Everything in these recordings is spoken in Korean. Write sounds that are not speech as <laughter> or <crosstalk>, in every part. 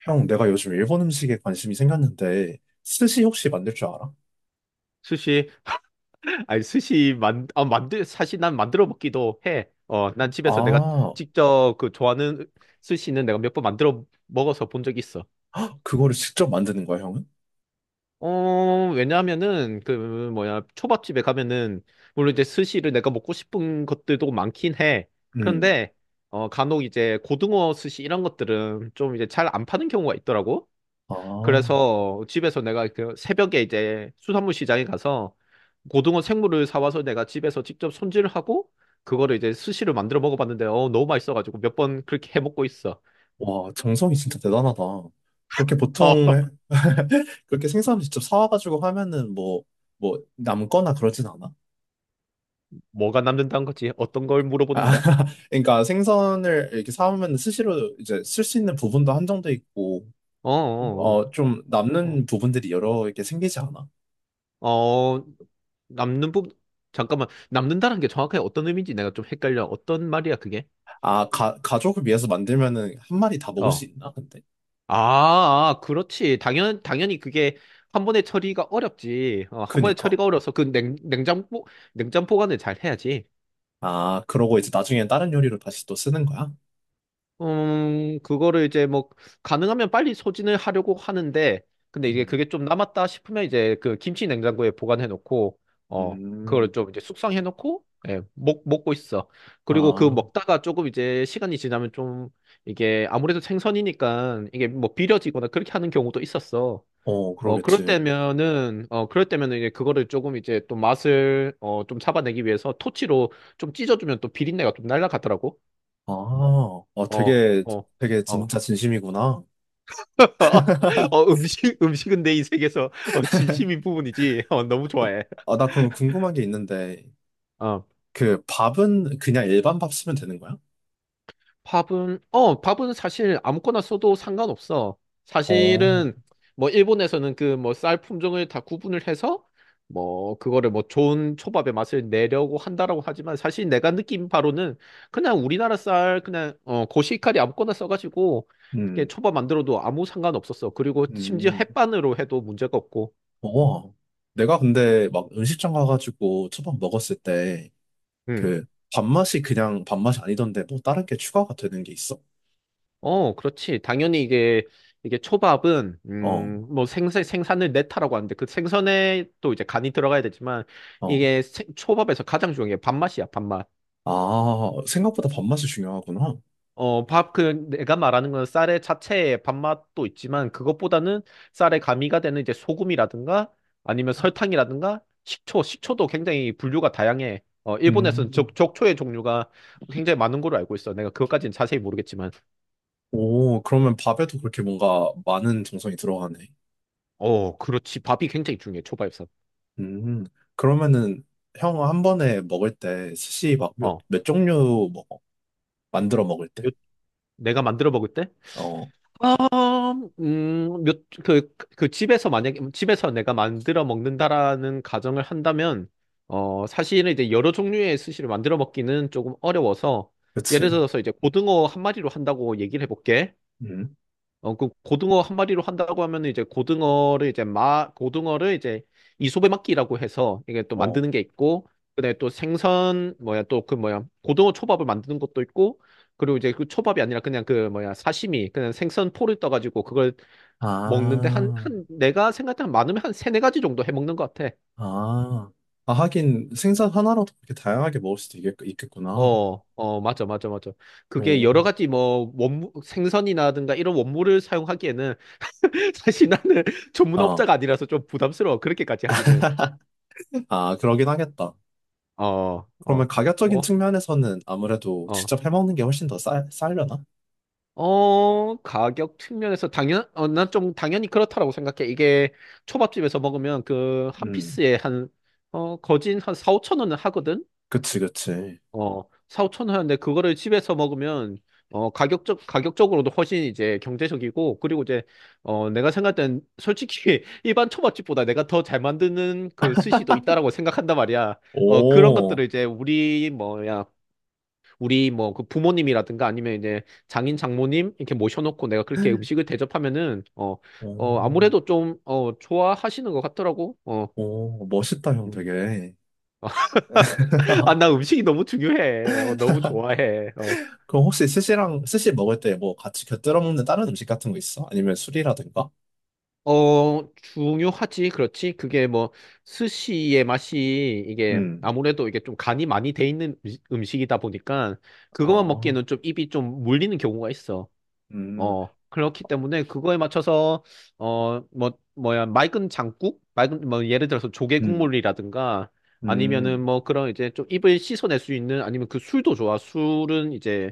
형, 내가 요즘 일본 음식에 관심이 생겼는데, 스시 혹시 만들 줄 알아? 스시. <laughs> 아니 스시 만 아, 만들 사실 난 만들어 먹기도 해. 난 집에서 내가 아, 직접 그 좋아하는 스시는 내가 몇 번 만들어 먹어서 본 적 있어. 헉, 그거를 직접 만드는 거야, 형은? 왜냐하면은 그 뭐야 초밥집에 가면은 물론 이제 스시를 내가 먹고 싶은 것들도 많긴 해. 음. 그런데 간혹 이제 고등어 스시 이런 것들은 좀 이제 잘 안 파는 경우가 있더라고. 아, 그래서 집에서 내가 그 새벽에 이제 수산물 시장에 가서 고등어 생물을 사와서 내가 집에서 직접 손질하고 그거를 이제 스시를 만들어 먹어봤는데 너무 맛있어가지고 몇 번 그렇게 해 먹고 있어. 와, 정성이 진짜 대단하다. 그렇게 보통, 어, <laughs> 해- <laughs> 그렇게 생선 직접 사와가지고 하면은 뭐, 남거나 그러진 않아? 뭐가 남는다는 거지? 어떤 걸 아, 물어보는 거야? <laughs> 그러니까 생선을 이렇게 사오면 스시로 이제 쓸 수 있는 부분도 한정돼 있고, 어, 어, 어, 좀 남는 부분들이 여러 개 생기지 않아? 어, 어, 남는 부 잠깐만 남는다는 게 정확하게 어떤 의미인지 내가 좀 헷갈려. 어떤 말이야 그게? 아, 가족을 위해서 만들면은 한 마리 다 먹을 수 어. 있나? 근데? 아, 아, 그렇지. 당연히 그게 한 번에 처리가 어렵지. 한 번에 그니까. 처리가 어려서 그 냉장고, 냉장 보관을 잘 해야지. 아, 그러고 이제 나중엔 다른 요리로 다시 또 쓰는 거야? 그거를 이제 뭐, 가능하면 빨리 소진을 하려고 하는데, 근데 이게 음, 그게 좀 남았다 싶으면 이제 그 김치 냉장고에 보관해 놓고, 어, 그걸 음, 좀 이제 숙성해 놓고, 예, 먹고 있어. 그리고 그 아, 먹다가 조금 이제 시간이 지나면 좀 이게 아무래도 생선이니까 이게 뭐 비려지거나 그렇게 하는 경우도 있었어. 어, 그러겠지. 그럴 때면은 이제 그거를 조금 이제 또 맛을, 좀 잡아내기 위해서 토치로 좀 찢어주면 또 비린내가 좀 날라가더라고. 아, 어, 어, 어, 되게 어. 진짜 진심이구나. <laughs> 음식은 내 인생에서 진심인 부분이지. 너무 좋아해. 아, 나 그럼 궁금한 게 있는데, 어. 그 밥은 그냥 일반 밥 쓰면 되는 거야? 밥은 사실 아무거나 써도 상관없어. 어, 사실은 뭐 일본에서는 그 뭐 쌀 품종을 다 구분을 해서 뭐 그거를 뭐 좋은 초밥의 맛을 내려고 한다라고 하지만 사실 내가 느낀 바로는 그냥 우리나라 쌀 그냥 고시카리 아무거나 써가지고 이렇게 음, 초밥 만들어도 아무 상관 없었어. 그리고 심지어 음, 햇반으로 해도 문제가 없고. 어. 내가 근데 막 음식점 가가지고 초밥 먹었을 때, 음. 그 밥맛이 그냥 밥맛이 아니던데 뭐 다른 게 추가가 되는 게 있어? 그렇지. 당연히 이게, 초밥은, 어, 뭐 생선을 냈다라고 하는데 그 생선에 또 이제 간이 들어가야 되지만 어. 이게 초밥에서 가장 중요한 게 밥맛이야, 밥맛. 아, 생각보다 밥맛이 중요하구나. 내가 말하는 건 쌀의 자체의 밥맛도 있지만 그것보다는 쌀에 가미가 되는 이제 소금이라든가 아니면 설탕이라든가 식초, 식초도 굉장히 분류가 다양해. 어, 일본에서는 음. 적, 적초의 종류가 굉장히 많은 걸로 알고 있어. 내가 그것까지는 자세히 모르겠지만. 오, 그러면 밥에도 그렇게 뭔가 많은 정성이 들어가네. 그렇지. 밥이 굉장히 중요해, 초밥에서. 음. 그러면은 형 한 번에 먹을 때 스시 막 어. 몇 종류 먹어? 만들어 먹을 때. 내가 만들어 먹을 때? 어, 아, 몇, 그, 그 집에서 만약에, 집에서 내가 만들어 먹는다라는 가정을 한다면, 사실은 이제 여러 종류의 스시를 만들어 먹기는 조금 어려워서, 예를 그치. 들어서 이제 고등어 한 마리로 한다고 얘기를 해볼게. 음. 그 고등어 한 마리로 한다고 하면 이제 고등어를 이제 고등어를 이제 이소배막기라고 해서 이게 또 어. 만드는 게 있고, 그다음에 또 생선, 뭐야, 또 그 뭐야, 고등어 초밥을 만드는 것도 있고, 그리고 이제 그 초밥이 아니라 그냥 그 뭐야, 사시미, 그냥 생선 포를 떠가지고 그걸 먹는데 아, 내가 생각할 때한 많으면 한 세네 가지 정도 해 먹는 것 같아. 아. 아, 하긴 생선 하나로도 그렇게 다양하게 먹을 수도 있겠구나. 맞아, 맞아, 맞아. 그게 여러 오. 가지 뭐, 생선이라든가 이런 원물을 사용하기에는 <laughs> 사실 나는 <laughs> 아, 전문업자가 아니라서 좀 부담스러워. 그렇게까지 하기는. 아, 그러긴 하겠다. 어, 어, 그러면 가격적인 뭐, 측면에서는 아무래도 어, 직접 해먹는 게 훨씬 더 싸려나? 가격 측면에서 난 좀 당연히 그렇다라고 생각해. 이게 초밥집에서 먹으면 그 한 음, 피스에 한, 거진 한 4, 5천 원은 하거든? 그치, 그치. 어, 4, 5천 원 하는데 그거를 집에서 먹으면, 가격적으로도 훨씬 이제 경제적이고, 그리고 이제, 내가 생각할 땐 솔직히 <laughs> 일반 초밥집보다 내가 더 잘 만드는 그 스시도 있다라고 생각한단 말이야. 그런 오, 것들을 이제 우리 뭐야, 우리 뭐 그 부모님이라든가 아니면 이제 장인 장모님 이렇게 모셔놓고 내가 그렇게 음식을 대접하면은 오, 아무래도 좀, 좋아하시는 것 같더라고. 어. 오, 멋있다, 형 음. 되게. <laughs> 아, 나 <laughs> 음식이 너무 중요해. 너무 좋아해. 어. 그럼 혹시 스시 먹을 때 뭐 같이 곁들여 먹는 다른 음식 같은 거 있어? 아니면 술이라든가? 중요하지. 그렇지. 그게 뭐, 스시의 맛이 이게 음, 아무래도 이게 좀 간이 많이 돼 있는 음식이다 보니까 그것만 아, 먹기에는 좀 입이 좀 물리는 경우가 있어. 음, 그렇기 때문에 그거에 맞춰서, 어, 뭐, 뭐야, 맑은 장국? 맑은, 뭐, 예를 들어서 조개 음, 국물이라든가, 아니면은 음. 뭐 그런 이제 좀 입을 씻어낼 수 있는, 아니면 그 술도 좋아. 술은 이제,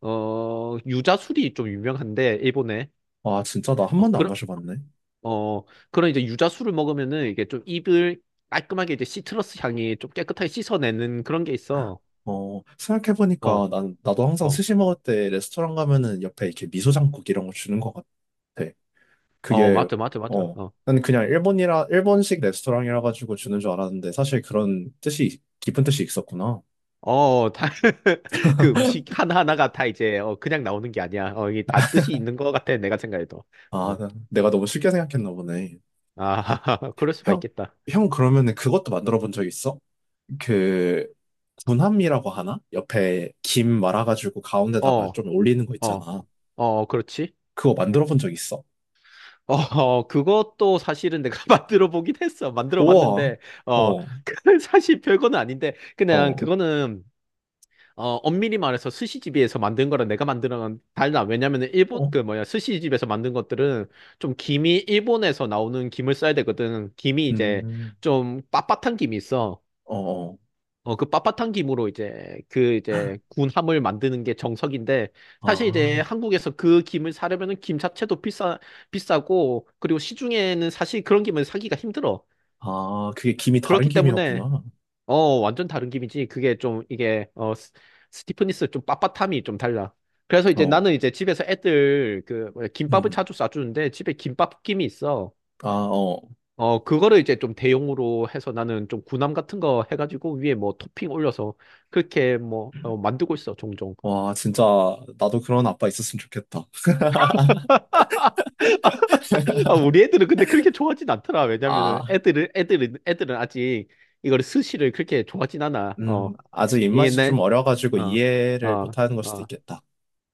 유자술이 좀 유명한데, 일본에. 아, 진짜 나 한 어, 번도 안 그런, 마셔봤네. 어, 그런 이제 유자술을 먹으면은 이게 좀 입을 깔끔하게 이제 시트러스 향이 좀 깨끗하게 씻어내는 그런 게 있어. 어, 생각해보니까 어, 나도 항상 어, 스시 먹을 때 레스토랑 가면은 옆에 이렇게 미소 장국 이런 거 주는 것 같아. 어, 그게 맞죠, 맞죠, 맞죠. 어, 어. 난 그냥 일본이라 일본식 레스토랑이라 가지고 주는 줄 알았는데 사실 그런 뜻이 깊은 뜻이 있었구나. 어, 다, <laughs> 그 음식 하나하나가 다 이제, 그냥 나오는 게 아니야. 이게 다 뜻이 있는 것 같아, 내가 생각해도. 아, 어, 내가 너무 쉽게 생각했나 보네. 아, <laughs> 그럴 수가 형, 있겠다. 형 그러면은 그것도 만들어 본 적 있어? 그 군함이라고 하나? 옆에 김 말아가지고 어, 가운데다가 어, 좀 올리는 거 어, 있잖아. 어, 그렇지. 그거 만들어 본 적 있어? 어, 어, 그것도 사실은 내가 <laughs> 만들어 보긴 했어. 만들어 우와. 봤는데, 어, 어, <laughs> 그 사실 별거는 아닌데, 그냥 어, 그거는 엄밀히 말해서 스시집에서 만든 거랑 내가 만드는 건 달라. 왜냐면은 일본, 어, 그 뭐야, 스시집에서 만든 것들은 좀 김이 일본에서 나오는 김을 써야 되거든. 김이 이제 음, 좀 빳빳한 김이 있어. 어, 어. 그 빳빳한 김으로 이제 그 이제 군함을 만드는 게 정석인데 사실 이제 아, 한국에서 그 김을 사려면은 김 자체도 비싸고 그리고 시중에는 사실 그런 김을 사기가 힘들어. 아, 그게 김이 다른 그렇기 때문에 김이었구나. 완전 다른 김이지. 그게 좀, 이게, 스티프니스 좀 빳빳함이 좀 달라. 그래서 이제 어, 나는 이제 집에서 애들 그, 뭐야, 김밥을 음. 자주 싸주는데 집에 김밥 김이 있어. 아, 어, 어. 그거를 이제 좀 대용으로 해서 나는 좀 구남 같은 거 해가지고 위에 뭐 토핑 올려서 그렇게 뭐, 만들고 있어, 종종. 와, 진짜 나도 그런 아빠 있었으면 좋겠다. <laughs> 아, 우리 애들은 근데 그렇게 좋아하진 않더라. 왜냐면은 아, 애들은 아직 이거를 스시를 그렇게 좋아하진 않아. 어, 아직 이게 입맛이 좀 내, 어려가지고 어, 이해를 어, 못하는 걸 수도 어. 있겠다.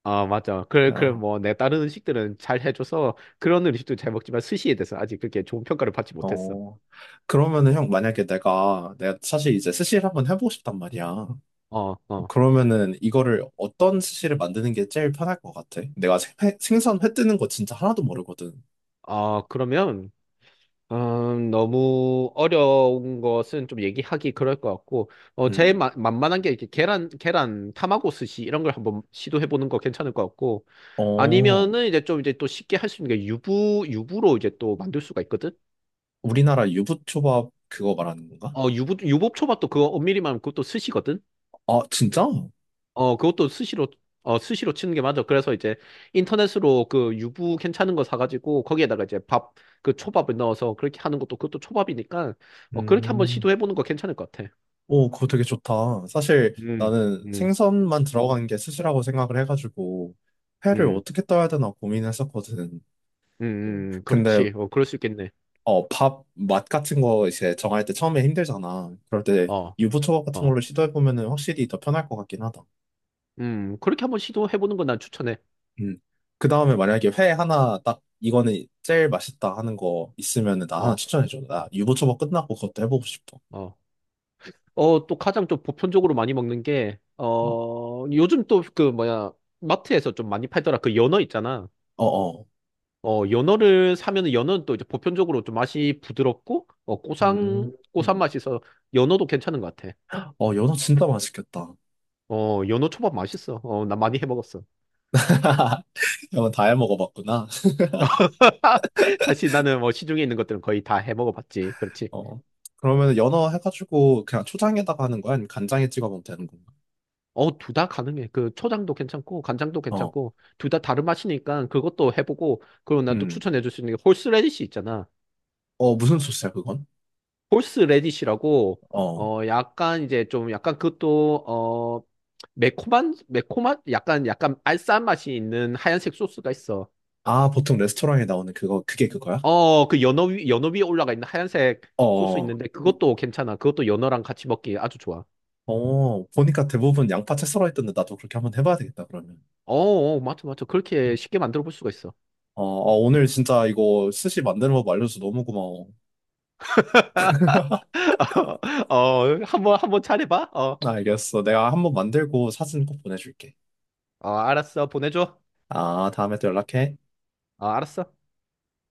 아, 맞죠. 그래, 그래, 어, 뭐, 내 다른 음식들은 잘 해줘서 그런 음식도 잘 먹지만 스시에 대해서 아직 그렇게 좋은 평가를 받지 못했어. 어. 그러면은 형 만약에 내가 사실 이제 스시를 한번 해보고 싶단 말이야. 어, 어. 그러면은 이거를 어떤 스시를 만드는 게 제일 편할 것 같아? 내가 생선 회 뜨는 거 진짜 하나도 모르거든. 아, 그러면, 너무 어려운 것은 좀 얘기하기 그럴 것 같고, 음, 만만한 게 이렇게 계란, 타마고 스시 이런 걸 한번 시도해보는 거 괜찮을 것 같고, 어, 아니면은 이제 좀 이제 또 쉽게 할 수 있는 게 유부로 이제 또 만들 수가 있거든? 우리나라 유부초밥 그거 말하는 건가? 유부초밥도 그거 엄밀히 말하면 그것도 스시거든? 아, 진짜? 어, 그것도 스시로, 스시로 치는 게 맞아. 그래서 이제 인터넷으로 그 유부 괜찮은 거 사가지고 거기에다가 이제 밥, 그 초밥을 넣어서 그렇게 하는 것도 그것도 초밥이니까 그렇게 한번 음. 시도해보는 거 괜찮을 것 같아. 오, 그거 되게 좋다. 사실 음, 나는 음, 생선만 들어간 게 스시라고 생각을 해가지고 회를 음, 어떻게 떠야 되나 고민했었거든. 근데 그렇지. 그럴 수 있겠네. 어, 밥 맛 같은 거 이제 정할 때 처음에 힘들잖아. 그럴 때 어, 유부초밥 같은 어, 걸로 시도해 보면은 확실히 더 편할 것 같긴 하다. 그렇게 한번 시도해보는 건 난 추천해. 음. 그 다음에 만약에 회 하나 딱 이거는 제일 맛있다 하는 거 있으면은 나 하나 어, 추천해 줘. 어, 나 유부초밥 끝나고 그것도 해보고 싶어. 어. 또 가장 좀 보편적으로 많이 먹는 게, 음. 요즘 또 그 뭐야, 마트에서 좀 많이 팔더라. 그 연어 있잖아. 어어. 연어를 사면은 연어는 또 이제 보편적으로 좀 맛이 부드럽고, 음. 고산 맛이 있어서 연어도 괜찮은 것 같아. 어, 연어 진짜 맛있겠다. 연어 초밥 맛있어. 나 많이 해 먹었어. <laughs> 연어 다 해 먹어봤구나. <laughs> 사실 나는 뭐 시중에 있는 것들은 거의 다 해 먹어봤지. 그렇지. 어. 그러면 연어 해가지고 그냥 초장에다가 하는 거야? 아니면 간장에 찍어 먹으면 되는 건가? 둘 다 가능해. 그 초장도 괜찮고, 간장도 어. 괜찮고, 둘 다 다른 맛이니까 그것도 해보고, 그리고 난 또 음. 추천해줄 수 있는 게 홀스레디시 있잖아. 어, 무슨 소스야, 그건? 홀스 레디시라고 어. 어 약간 이제 좀 약간 그것도 매콤한 약간 약간 알싸한 맛이 있는 하얀색 소스가 있어. 아, 보통 레스토랑에 나오는 그거, 그게 그거야? 그 연어 위에 올라가 있는 하얀색 소스 어. 있는데 그것도 괜찮아. 그것도 연어랑 같이 먹기 아주 좋아. 어, 보니까 대부분 양파채 썰어있던데 나도 그렇게 한번 해봐야 되겠다, 그러면. 맞죠, 맞죠. 음. 그렇게 쉽게 만들어 볼 수가 있어. 어, 어, 오늘 진짜 이거 스시 만드는 법 알려줘서 너무 고마워. <laughs> 한번 잘해봐. 어, 알겠어. 내가 한번 만들고 사진 꼭 보내줄게. 알았어, 보내줘. 아, 다음에 또 연락해. 알았어.